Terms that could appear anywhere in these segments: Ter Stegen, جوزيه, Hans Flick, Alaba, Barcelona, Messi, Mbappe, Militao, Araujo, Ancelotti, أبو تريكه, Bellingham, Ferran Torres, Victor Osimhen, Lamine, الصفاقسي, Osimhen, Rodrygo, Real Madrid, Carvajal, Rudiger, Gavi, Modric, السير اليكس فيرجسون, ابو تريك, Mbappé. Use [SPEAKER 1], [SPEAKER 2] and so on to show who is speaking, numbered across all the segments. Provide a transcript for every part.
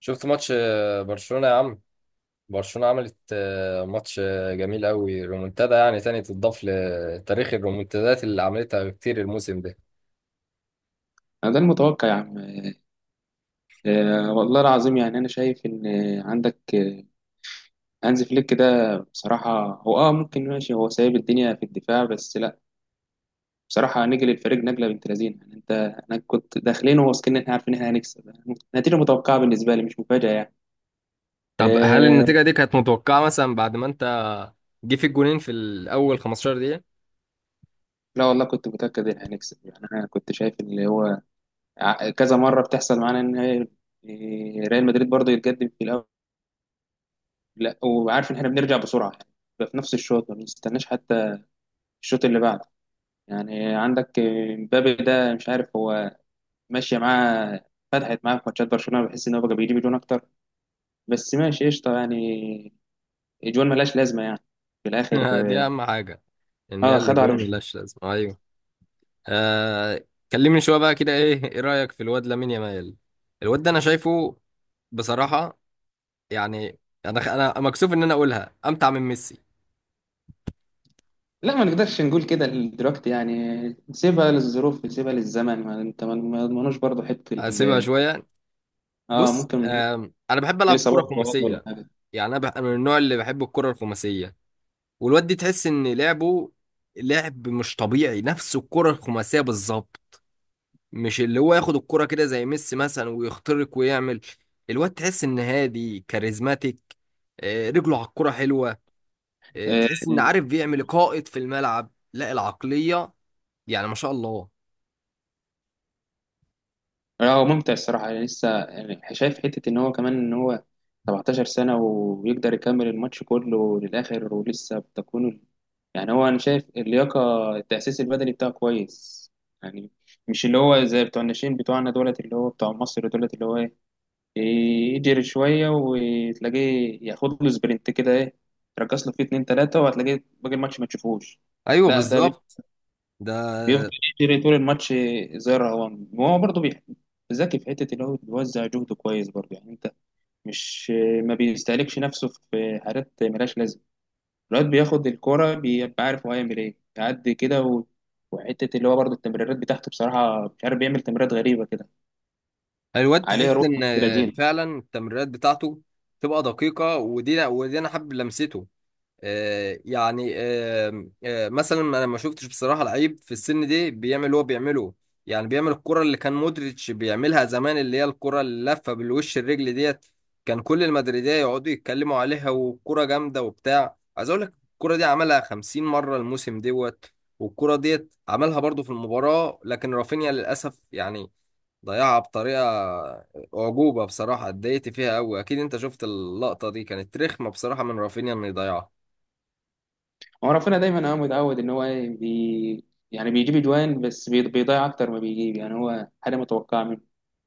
[SPEAKER 1] شفت ماتش برشلونة يا عم. برشلونة عملت ماتش جميل قوي، رومونتادا يعني تاني تضاف لتاريخ الرومونتادات اللي عملتها كتير الموسم ده.
[SPEAKER 2] أنا ده المتوقع يا عم. والله العظيم، يعني أنا شايف إن عندك هانز فليك ده. بصراحة هو ممكن ماشي، هو سايب الدنيا في الدفاع، بس لأ بصراحة نجل الفريق نجلة بنت لذينة يعني. أنت أنا كنت داخلين واثقين إن إحنا عارفين إن إحنا هنكسب. نتيجة متوقعة بالنسبة لي، مش مفاجأة يعني.
[SPEAKER 1] طب هل
[SPEAKER 2] آه.
[SPEAKER 1] النتيجة دي كانت متوقعة مثلا بعد ما انت جه فيك جونين في الأول 15 دقيقة؟
[SPEAKER 2] لا والله كنت متأكد إن هنكسب، يعني أنا كنت شايف اللي هو كذا مرة بتحصل معانا إن هي ريال مدريد برضه يتقدم في الأول. لأ وعارف إن إحنا بنرجع بسرعة يعني، بيبقى في نفس الشوط، ما بنستناش حتى الشوط اللي بعده. يعني عندك مبابي ده، مش عارف هو ماشية معاه، فتحت معاه في ماتشات برشلونة بحس إن هو بقى بيجيب جون أكتر، بس ماشي قشطة يعني. الجوان ملهاش لازمة يعني في الآخر.
[SPEAKER 1] دي أهم حاجة، إن
[SPEAKER 2] اه
[SPEAKER 1] هي اللي
[SPEAKER 2] خدوا على
[SPEAKER 1] جون ملهاش لازمة. أيوه. آه. كلمني شوية بقى كده. إيه رأيك في الواد لامين يامال؟ الواد ده أنا شايفه بصراحة، يعني أنا مكسوف إن أنا أقولها أمتع من ميسي.
[SPEAKER 2] لا، ما نقدرش نقول كده دلوقتي يعني. سيبها للظروف، سيبها للزمن، ما انت ما يضمنوش برضه حته
[SPEAKER 1] هسيبها شوية.
[SPEAKER 2] اه
[SPEAKER 1] بص.
[SPEAKER 2] ممكن.
[SPEAKER 1] انا بحب العب كره
[SPEAKER 2] الاصابات برضه ولا
[SPEAKER 1] خماسيه.
[SPEAKER 2] حاجه.
[SPEAKER 1] يعني أنا من النوع اللي بحب الكره الخماسيه. والواد دي تحس ان لعبه لعب مش طبيعي، نفس الكره الخماسيه بالظبط. مش اللي هو ياخد الكره كده زي ميسي مثلا ويخترق ويعمل. الواد تحس ان هادي كاريزماتيك. رجله على الكره حلوه.
[SPEAKER 2] آه،
[SPEAKER 1] تحس ان عارف بيعمل قائد في الملعب لا العقليه، يعني ما شاء الله.
[SPEAKER 2] لا هو ممتع الصراحة، يعني لسه، يعني شايف حتة إن هو كمان إن هو 17 سنة ويقدر يكمل الماتش كله للآخر ولسه بتكون يعني. هو أنا شايف اللياقة التأسيس البدني بتاعه كويس يعني. مش اللي هو زي بتوع الناشئين بتوعنا دولت، اللي هو بتوع مصر دولت، اللي هو إيه، يجري شوية وتلاقيه ياخد له سبرنت كده، إيه تركز له فيه اتنين تلاتة وهتلاقيه باقي الماتش ما تشوفوش.
[SPEAKER 1] ايوه
[SPEAKER 2] لا ده
[SPEAKER 1] بالظبط. ده
[SPEAKER 2] بيفضل يجري طول الماتش زي الرهوان، وهو برضه ذكي في حته اللي هو بيوزع جهده كويس برضه يعني. انت مش، ما بيستهلكش نفسه في حاجات ملهاش لازمه. الواد بياخد الكوره بيبقى عارف هو هيعمل ايه، يعدي كده و... وحته اللي هو برضه التمريرات بتاعته بصراحه، مش عارف بيعمل تمريرات غريبه كده.
[SPEAKER 1] الواد
[SPEAKER 2] عليه
[SPEAKER 1] تحس
[SPEAKER 2] روح بنت
[SPEAKER 1] ان
[SPEAKER 2] لذينه.
[SPEAKER 1] فعلا التمريرات بتاعته تبقى دقيقة. ودي انا حابب لمسته. يعني مثلا انا ما شفتش بصراحة لعيب في السن دي بيعمل اللي هو بيعمله. يعني بيعمل الكرة اللي كان مودريتش بيعملها زمان، اللي هي الكرة اللفة بالوش الرجل ديت. كان كل المدريدية يقعدوا يتكلموا عليها والكرة جامدة وبتاع. عايز اقول لك الكرة دي عملها 50 مرة الموسم دوت، والكرة ديت عملها برضو في المباراة، لكن رافينيا للأسف يعني ضيعها بطريقة أعجوبة. بصراحة اتضايقت فيها أوي. أكيد أنت شفت اللقطة، دي كانت رخمة بصراحة من رافينيا إنه يضيعها.
[SPEAKER 2] هو رافينيا دايما هو متعود ان هو ايه يعني بيجيب اجوان، بس بيضيع اكتر ما بيجيب يعني، هو حاجه متوقعه منه.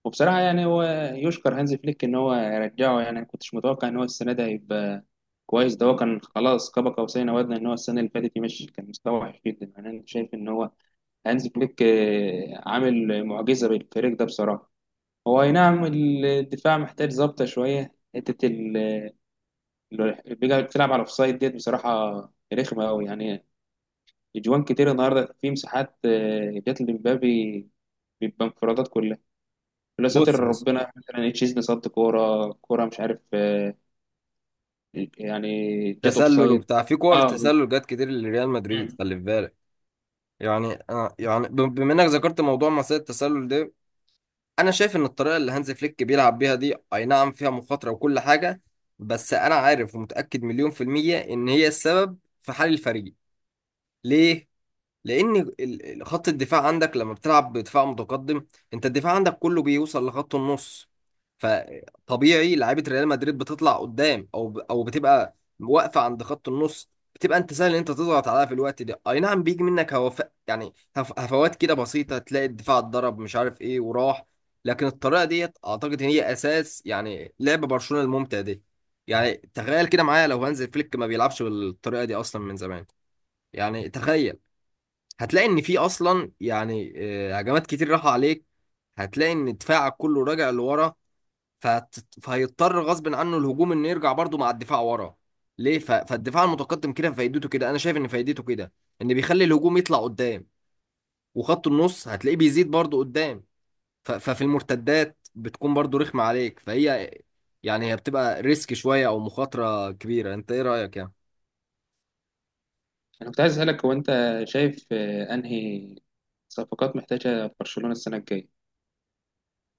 [SPEAKER 2] وبصراحه يعني هو يشكر هانز فليك ان هو رجعه، يعني انا كنتش متوقع ان هو السنه ده هيبقى كويس. ده هو كان خلاص كبك قوسين او ادنى، ان هو السنه اللي فاتت يمشي، كان مستوى وحش جدا. يعني انا شايف ان هو هانز فليك عامل معجزه بالفريق ده بصراحه. هو اي نعم الدفاع محتاج ظبطه شويه، حته اللي بيلعب على الاوفسايد ديت بصراحه رخمه قوي يعني. اجوان كتير النهارده في مساحات، جات لمبابي، بيبقى انفرادات كلها. لا ساتر
[SPEAKER 1] بص بص،
[SPEAKER 2] ربنا، مثلا تشيزني صد كوره كوره، مش عارف. يعني جت اوف
[SPEAKER 1] تسلل
[SPEAKER 2] سايد.
[SPEAKER 1] وبتاع. في كور
[SPEAKER 2] اه بز-
[SPEAKER 1] تسلل جت كتير لريال مدريد،
[SPEAKER 2] مم.
[SPEAKER 1] خلي في بالك. يعني أنا يعني بما إنك ذكرت موضوع مصيدة التسلل ده، أنا شايف إن الطريقة اللي هانز فليك بيلعب بيها دي أي نعم فيها مخاطرة وكل حاجة، بس أنا عارف ومتأكد مليون في المية إن هي السبب في حال الفريق. ليه؟ لان خط الدفاع عندك لما بتلعب بدفاع متقدم، انت الدفاع عندك كله بيوصل لخط النص. فطبيعي لعيبه ريال مدريد بتطلع قدام او او بتبقى واقفه عند خط النص. بتبقى انت سهل ان انت تضغط عليها في الوقت ده، اي نعم بيجي منك هوف يعني هفوات كده بسيطه، تلاقي الدفاع اتضرب مش عارف ايه وراح. لكن الطريقه ديت اعتقد ان هي اساس يعني لعب برشلونه الممتع دي. يعني تخيل كده معايا، لو هانز فليك ما بيلعبش بالطريقه دي اصلا من زمان، يعني تخيل، هتلاقي ان في اصلا يعني هجمات كتير راحوا عليك. هتلاقي ان دفاعك كله راجع لورا. فهت... فهيضطر غصب عنه الهجوم انه يرجع برضه مع الدفاع ورا. ليه؟ فالدفاع المتقدم كده فايدته كده، انا شايف ان فايدته كده ان بيخلي الهجوم يطلع قدام، وخط النص هتلاقيه بيزيد برضه قدام. ففي المرتدات بتكون برضه رخمة عليك فهي، يعني هي بتبقى ريسك شوية او مخاطرة كبيرة. انت ايه رأيك يعني؟
[SPEAKER 2] انا كنت عايز اسالك، هو انت شايف انهي صفقات محتاجه برشلونه السنه الجايه؟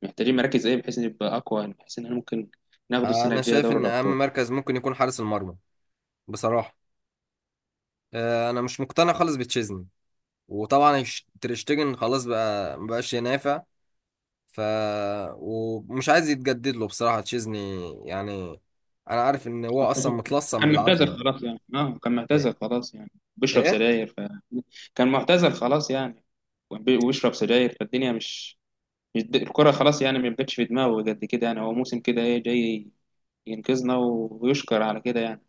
[SPEAKER 2] محتاجين مراكز ايه بحيث نبقى اقوى، يعني بحيث ان احنا ممكن ناخده السنه
[SPEAKER 1] انا
[SPEAKER 2] الجايه
[SPEAKER 1] شايف
[SPEAKER 2] دوري
[SPEAKER 1] ان
[SPEAKER 2] الابطال.
[SPEAKER 1] اهم مركز ممكن يكون حارس المرمى بصراحة. انا مش مقتنع خالص بتشيزني، وطبعا تريشتجن خلاص بقى مبقاش ينافع. ف ومش عايز يتجدد له بصراحة تشيزني. يعني انا عارف ان هو اصلا
[SPEAKER 2] أعتقد
[SPEAKER 1] متلصم
[SPEAKER 2] كان معتزل
[SPEAKER 1] بالعافية.
[SPEAKER 2] خلاص يعني، اه كان معتزل
[SPEAKER 1] ايه.
[SPEAKER 2] خلاص يعني، بيشرب
[SPEAKER 1] ايه.
[SPEAKER 2] سجاير ف... كان معتزل خلاص يعني، وبيشرب سجاير، فالدنيا مش، الكرة خلاص يعني، ما بقتش في دماغه قد كده. يعني هو موسم كده ايه، جاي ينقذنا ويشكر على كده يعني.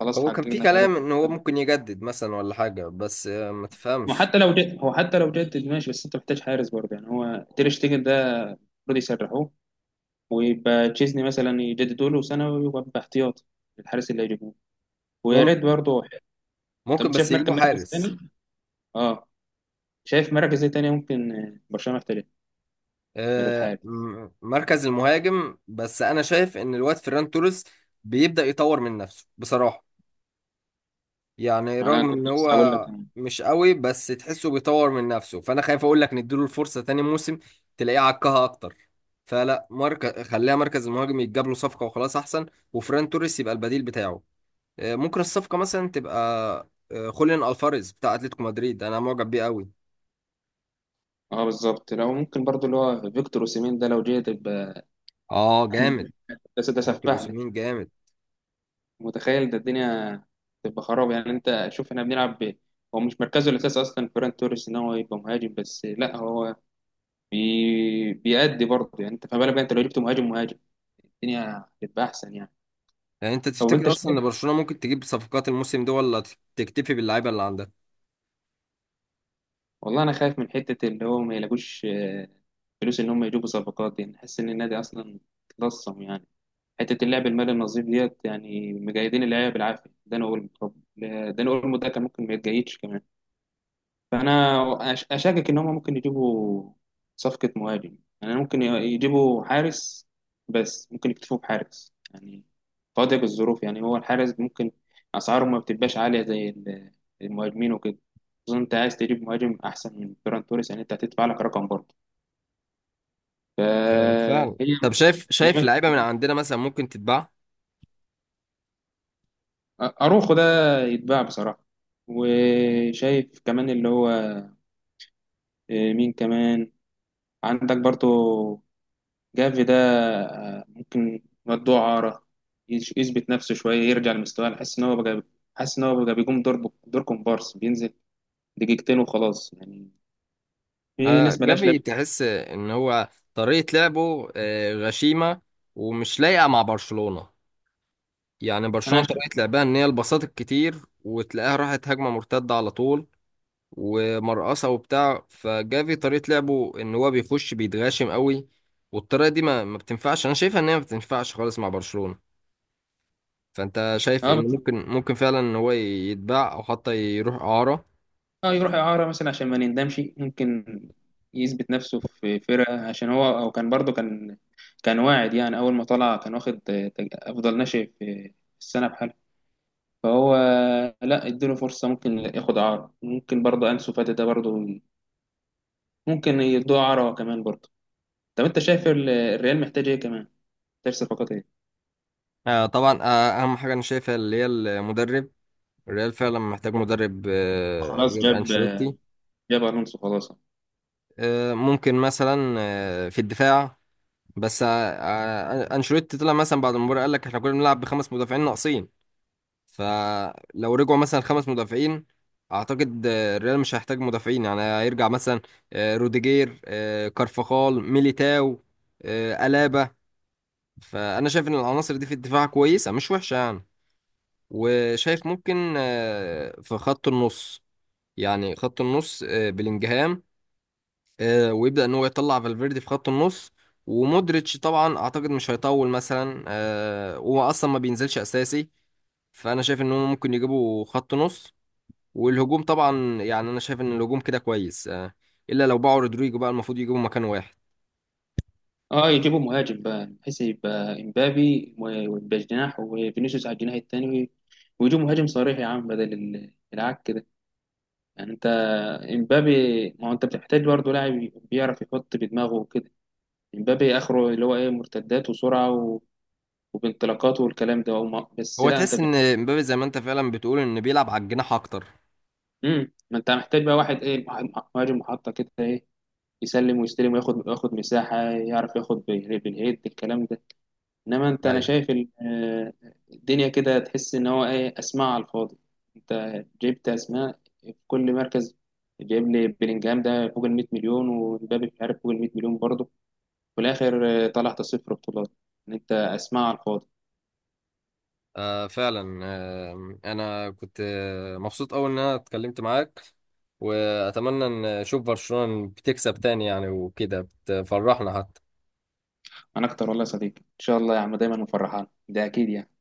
[SPEAKER 2] خلاص
[SPEAKER 1] هو كان في
[SPEAKER 2] حققنا هدف.
[SPEAKER 1] كلام ان هو ممكن يجدد مثلا ولا حاجة، بس ما تفهمش.
[SPEAKER 2] وحتى لو جد هو، حتى لو جدد ماشي، بس انت محتاج حارس برضه. يعني هو تير شتيجن ده المفروض يسرحوه، ويبقى تشيزني مثلا يجددوا له سنة ويبقى باحتياط الحارس اللي هيجيبوه. ويا
[SPEAKER 1] ممكن
[SPEAKER 2] ريت برضه. طب
[SPEAKER 1] ممكن
[SPEAKER 2] انت
[SPEAKER 1] بس
[SPEAKER 2] شايف مركز
[SPEAKER 1] يجيبوا
[SPEAKER 2] مركز
[SPEAKER 1] حارس.
[SPEAKER 2] تاني؟ اه شايف مراكز ايه تانية ممكن برشلونة يحتاجها غير الحالي؟
[SPEAKER 1] مركز المهاجم، بس انا شايف ان الواد فيران توريس بيبدأ يطور من نفسه بصراحة. يعني
[SPEAKER 2] انا
[SPEAKER 1] رغم ان
[SPEAKER 2] كنت لسه
[SPEAKER 1] هو
[SPEAKER 2] هقول لك أنا.
[SPEAKER 1] مش قوي بس تحسه بيطور من نفسه، فانا خايف اقول لك نديله الفرصه تاني موسم، تلاقيه عكها اكتر. فلا، مركز خليها مركز المهاجم يتجاب له صفقه وخلاص احسن، وفران توريس يبقى البديل بتاعه. ممكن الصفقه مثلا تبقى خوليان الفاريز بتاع اتلتيكو مدريد، انا معجب بيه قوي.
[SPEAKER 2] اه بالظبط، لو ممكن برضو اللي هو فيكتور اوسيمين ده لو جه تبقى
[SPEAKER 1] اه
[SPEAKER 2] يعني.
[SPEAKER 1] جامد.
[SPEAKER 2] بس ده
[SPEAKER 1] دكتور
[SPEAKER 2] سفاح ده،
[SPEAKER 1] اوسيمين جامد.
[SPEAKER 2] متخيل ده الدنيا تبقى خراب يعني. انت شوف احنا بنلعب ب... هو مش مركزه الاساسي اصلا فيران توريس ان هو يبقى مهاجم، بس لا هو بيأدي برضه يعني. انت فما بالك بقى انت لو جبت مهاجم مهاجم، الدنيا هتبقى احسن يعني.
[SPEAKER 1] يعني انت
[SPEAKER 2] طب انت
[SPEAKER 1] تفتكر اصلا
[SPEAKER 2] شايف؟
[SPEAKER 1] ان برشلونه ممكن تجيب صفقات الموسم ده ولا تكتفي باللعيبه اللي عندها؟
[SPEAKER 2] والله انا خايف من حته اللي هو ما يلاقوش فلوس ان هم يجيبوا صفقات دي، نحس ان النادي اصلا اتلصم يعني. حته اللعب المالي النظيف ديت يعني مجيدين اللعيبه بالعافيه، ده انا اقول طب ده انا اقول ده كان ممكن ما يتجيدش كمان. فانا اشكك ان هم ممكن يجيبوا صفقه مهاجم، يعني ممكن يجيبوا حارس، بس ممكن يكتفوا بحارس يعني فاضية الظروف. يعني هو الحارس ممكن اسعاره ما بتبقاش عاليه زي المهاجمين وكده. خصوصا انت عايز تجيب مهاجم احسن من فيران توريس، يعني انت هتدفع لك رقم برضه فهي.
[SPEAKER 1] سهل. طب شايف
[SPEAKER 2] هي
[SPEAKER 1] شايف لعيبه من عندنا مثلا ممكن تتباع؟
[SPEAKER 2] اروخو ده يتباع بصراحه. وشايف كمان اللي هو مين كمان، عندك برضه جافي ده، ممكن مدوه عارة يثبت نفسه شوية، يرجع لمستواه. أنا حاسس إن هو بقى، حاسس إن هو بقى بيقوم دور كومبارس، بينزل دقيقتين وخلاص يعني. في ناس ملهاش
[SPEAKER 1] جافي
[SPEAKER 2] لازمة.
[SPEAKER 1] تحس ان هو طريقة لعبه غشيمة ومش لايقة مع برشلونة. يعني
[SPEAKER 2] أنا
[SPEAKER 1] برشلونة
[SPEAKER 2] عشان
[SPEAKER 1] طريقة لعبها ان هي البساط الكتير، وتلاقيها راحت هجمة مرتدة على طول ومرقصة وبتاع. فجافي طريقة لعبه ان هو بيخش بيتغاشم قوي، والطريقة دي ما بتنفعش، انا شايفها ان هي ما بتنفعش خالص مع برشلونة. فانت شايف
[SPEAKER 2] أه، بس
[SPEAKER 1] ان ممكن فعلا ان هو يتباع او حتى يروح اعارة؟
[SPEAKER 2] أه يروح إعارة مثلا عشان ما نندمش، ممكن يثبت نفسه في فرقة، عشان هو أو كان برضه، كان كان واعد يعني. أول ما طلع كان واخد أفضل ناشئ في السنة بحاله. فهو لا اديله فرصة، ممكن ياخد إعارة. ممكن برضه أنسو فاتي ده برضه ممكن يدوها عرا كمان برضه. طب انت شايف الريال محتاج ايه كمان؟ محتاج صفقات ايه؟
[SPEAKER 1] طبعا. اهم حاجة انا شايفها اللي هي المدرب. الريال فعلا محتاج مدرب
[SPEAKER 2] خلاص
[SPEAKER 1] غير
[SPEAKER 2] جاب،
[SPEAKER 1] أنشيلوتي.
[SPEAKER 2] جاب الونسو خلاص.
[SPEAKER 1] ممكن مثلا في الدفاع، بس أنشيلوتي طلع مثلا بعد المباراة قال لك احنا كنا بنلعب بخمس مدافعين ناقصين. فلو رجعوا مثلا خمس مدافعين أعتقد الريال مش هيحتاج مدافعين، يعني هيرجع مثلا روديجير، كارفاخال، ميليتاو، ألابا. فأنا شايف إن العناصر دي في الدفاع كويسة مش وحشة يعني. وشايف ممكن في خط النص، يعني خط النص بلينجهام ويبدأ ان هو يطلع فالفيردي في خط النص. ومودريتش طبعا اعتقد مش هيطول مثلا، هو اصلا ما بينزلش اساسي. فانا شايف ان هم ممكن يجيبوا خط نص. والهجوم طبعا يعني انا شايف ان الهجوم كده كويس، الا لو باعوا رودريجو بقى المفروض يجيبوا مكان واحد.
[SPEAKER 2] اه يجيبوا مهاجم بقى، بحيث يبقى امبابي ويبقى جناح، وفينيسيوس على الجناح التاني، ويجيبوا مهاجم صريح يا عم، بدل العك ده. يعني انت امبابي، ما هو انت بتحتاج برضه لاعب بيعرف يحط بدماغه وكده. امبابي اخره اللي هو ايه، مرتدات وسرعه و... وبانطلاقات والكلام ده وما... بس
[SPEAKER 1] هو
[SPEAKER 2] لا انت
[SPEAKER 1] تحس
[SPEAKER 2] بتحتاج.
[SPEAKER 1] ان مبابي زي ما انت فعلا بتقول ان بيلعب على الجناح اكتر؟
[SPEAKER 2] مم. ما انت محتاج بقى واحد ايه، مهاجم محطه كده، إيه، يسلم ويستلم، وياخد وياخد مساحة، يعرف ياخد بالهيد، الكلام ده. انما انت انا
[SPEAKER 1] ايوه.
[SPEAKER 2] شايف الدنيا كده تحس ان هو ايه، اسماء على الفاضي. انت جبت اسماء في كل مركز، جايب لي بلينجهام ده فوق ال 100 مليون، ومبابي مش عارف فوق ال 100 مليون برضه، في الاخر طلعت صفر بطولات، ان انت اسماء على الفاضي.
[SPEAKER 1] فعلا. انا كنت مبسوط أوي ان انا اتكلمت معاك، واتمنى ان اشوف برشلونة بتكسب تاني يعني، وكده بتفرحنا حتى.
[SPEAKER 2] انا اكتر والله يا صديقي، ان شاء الله يا عم دايما مفرحان ده اكيد يعني.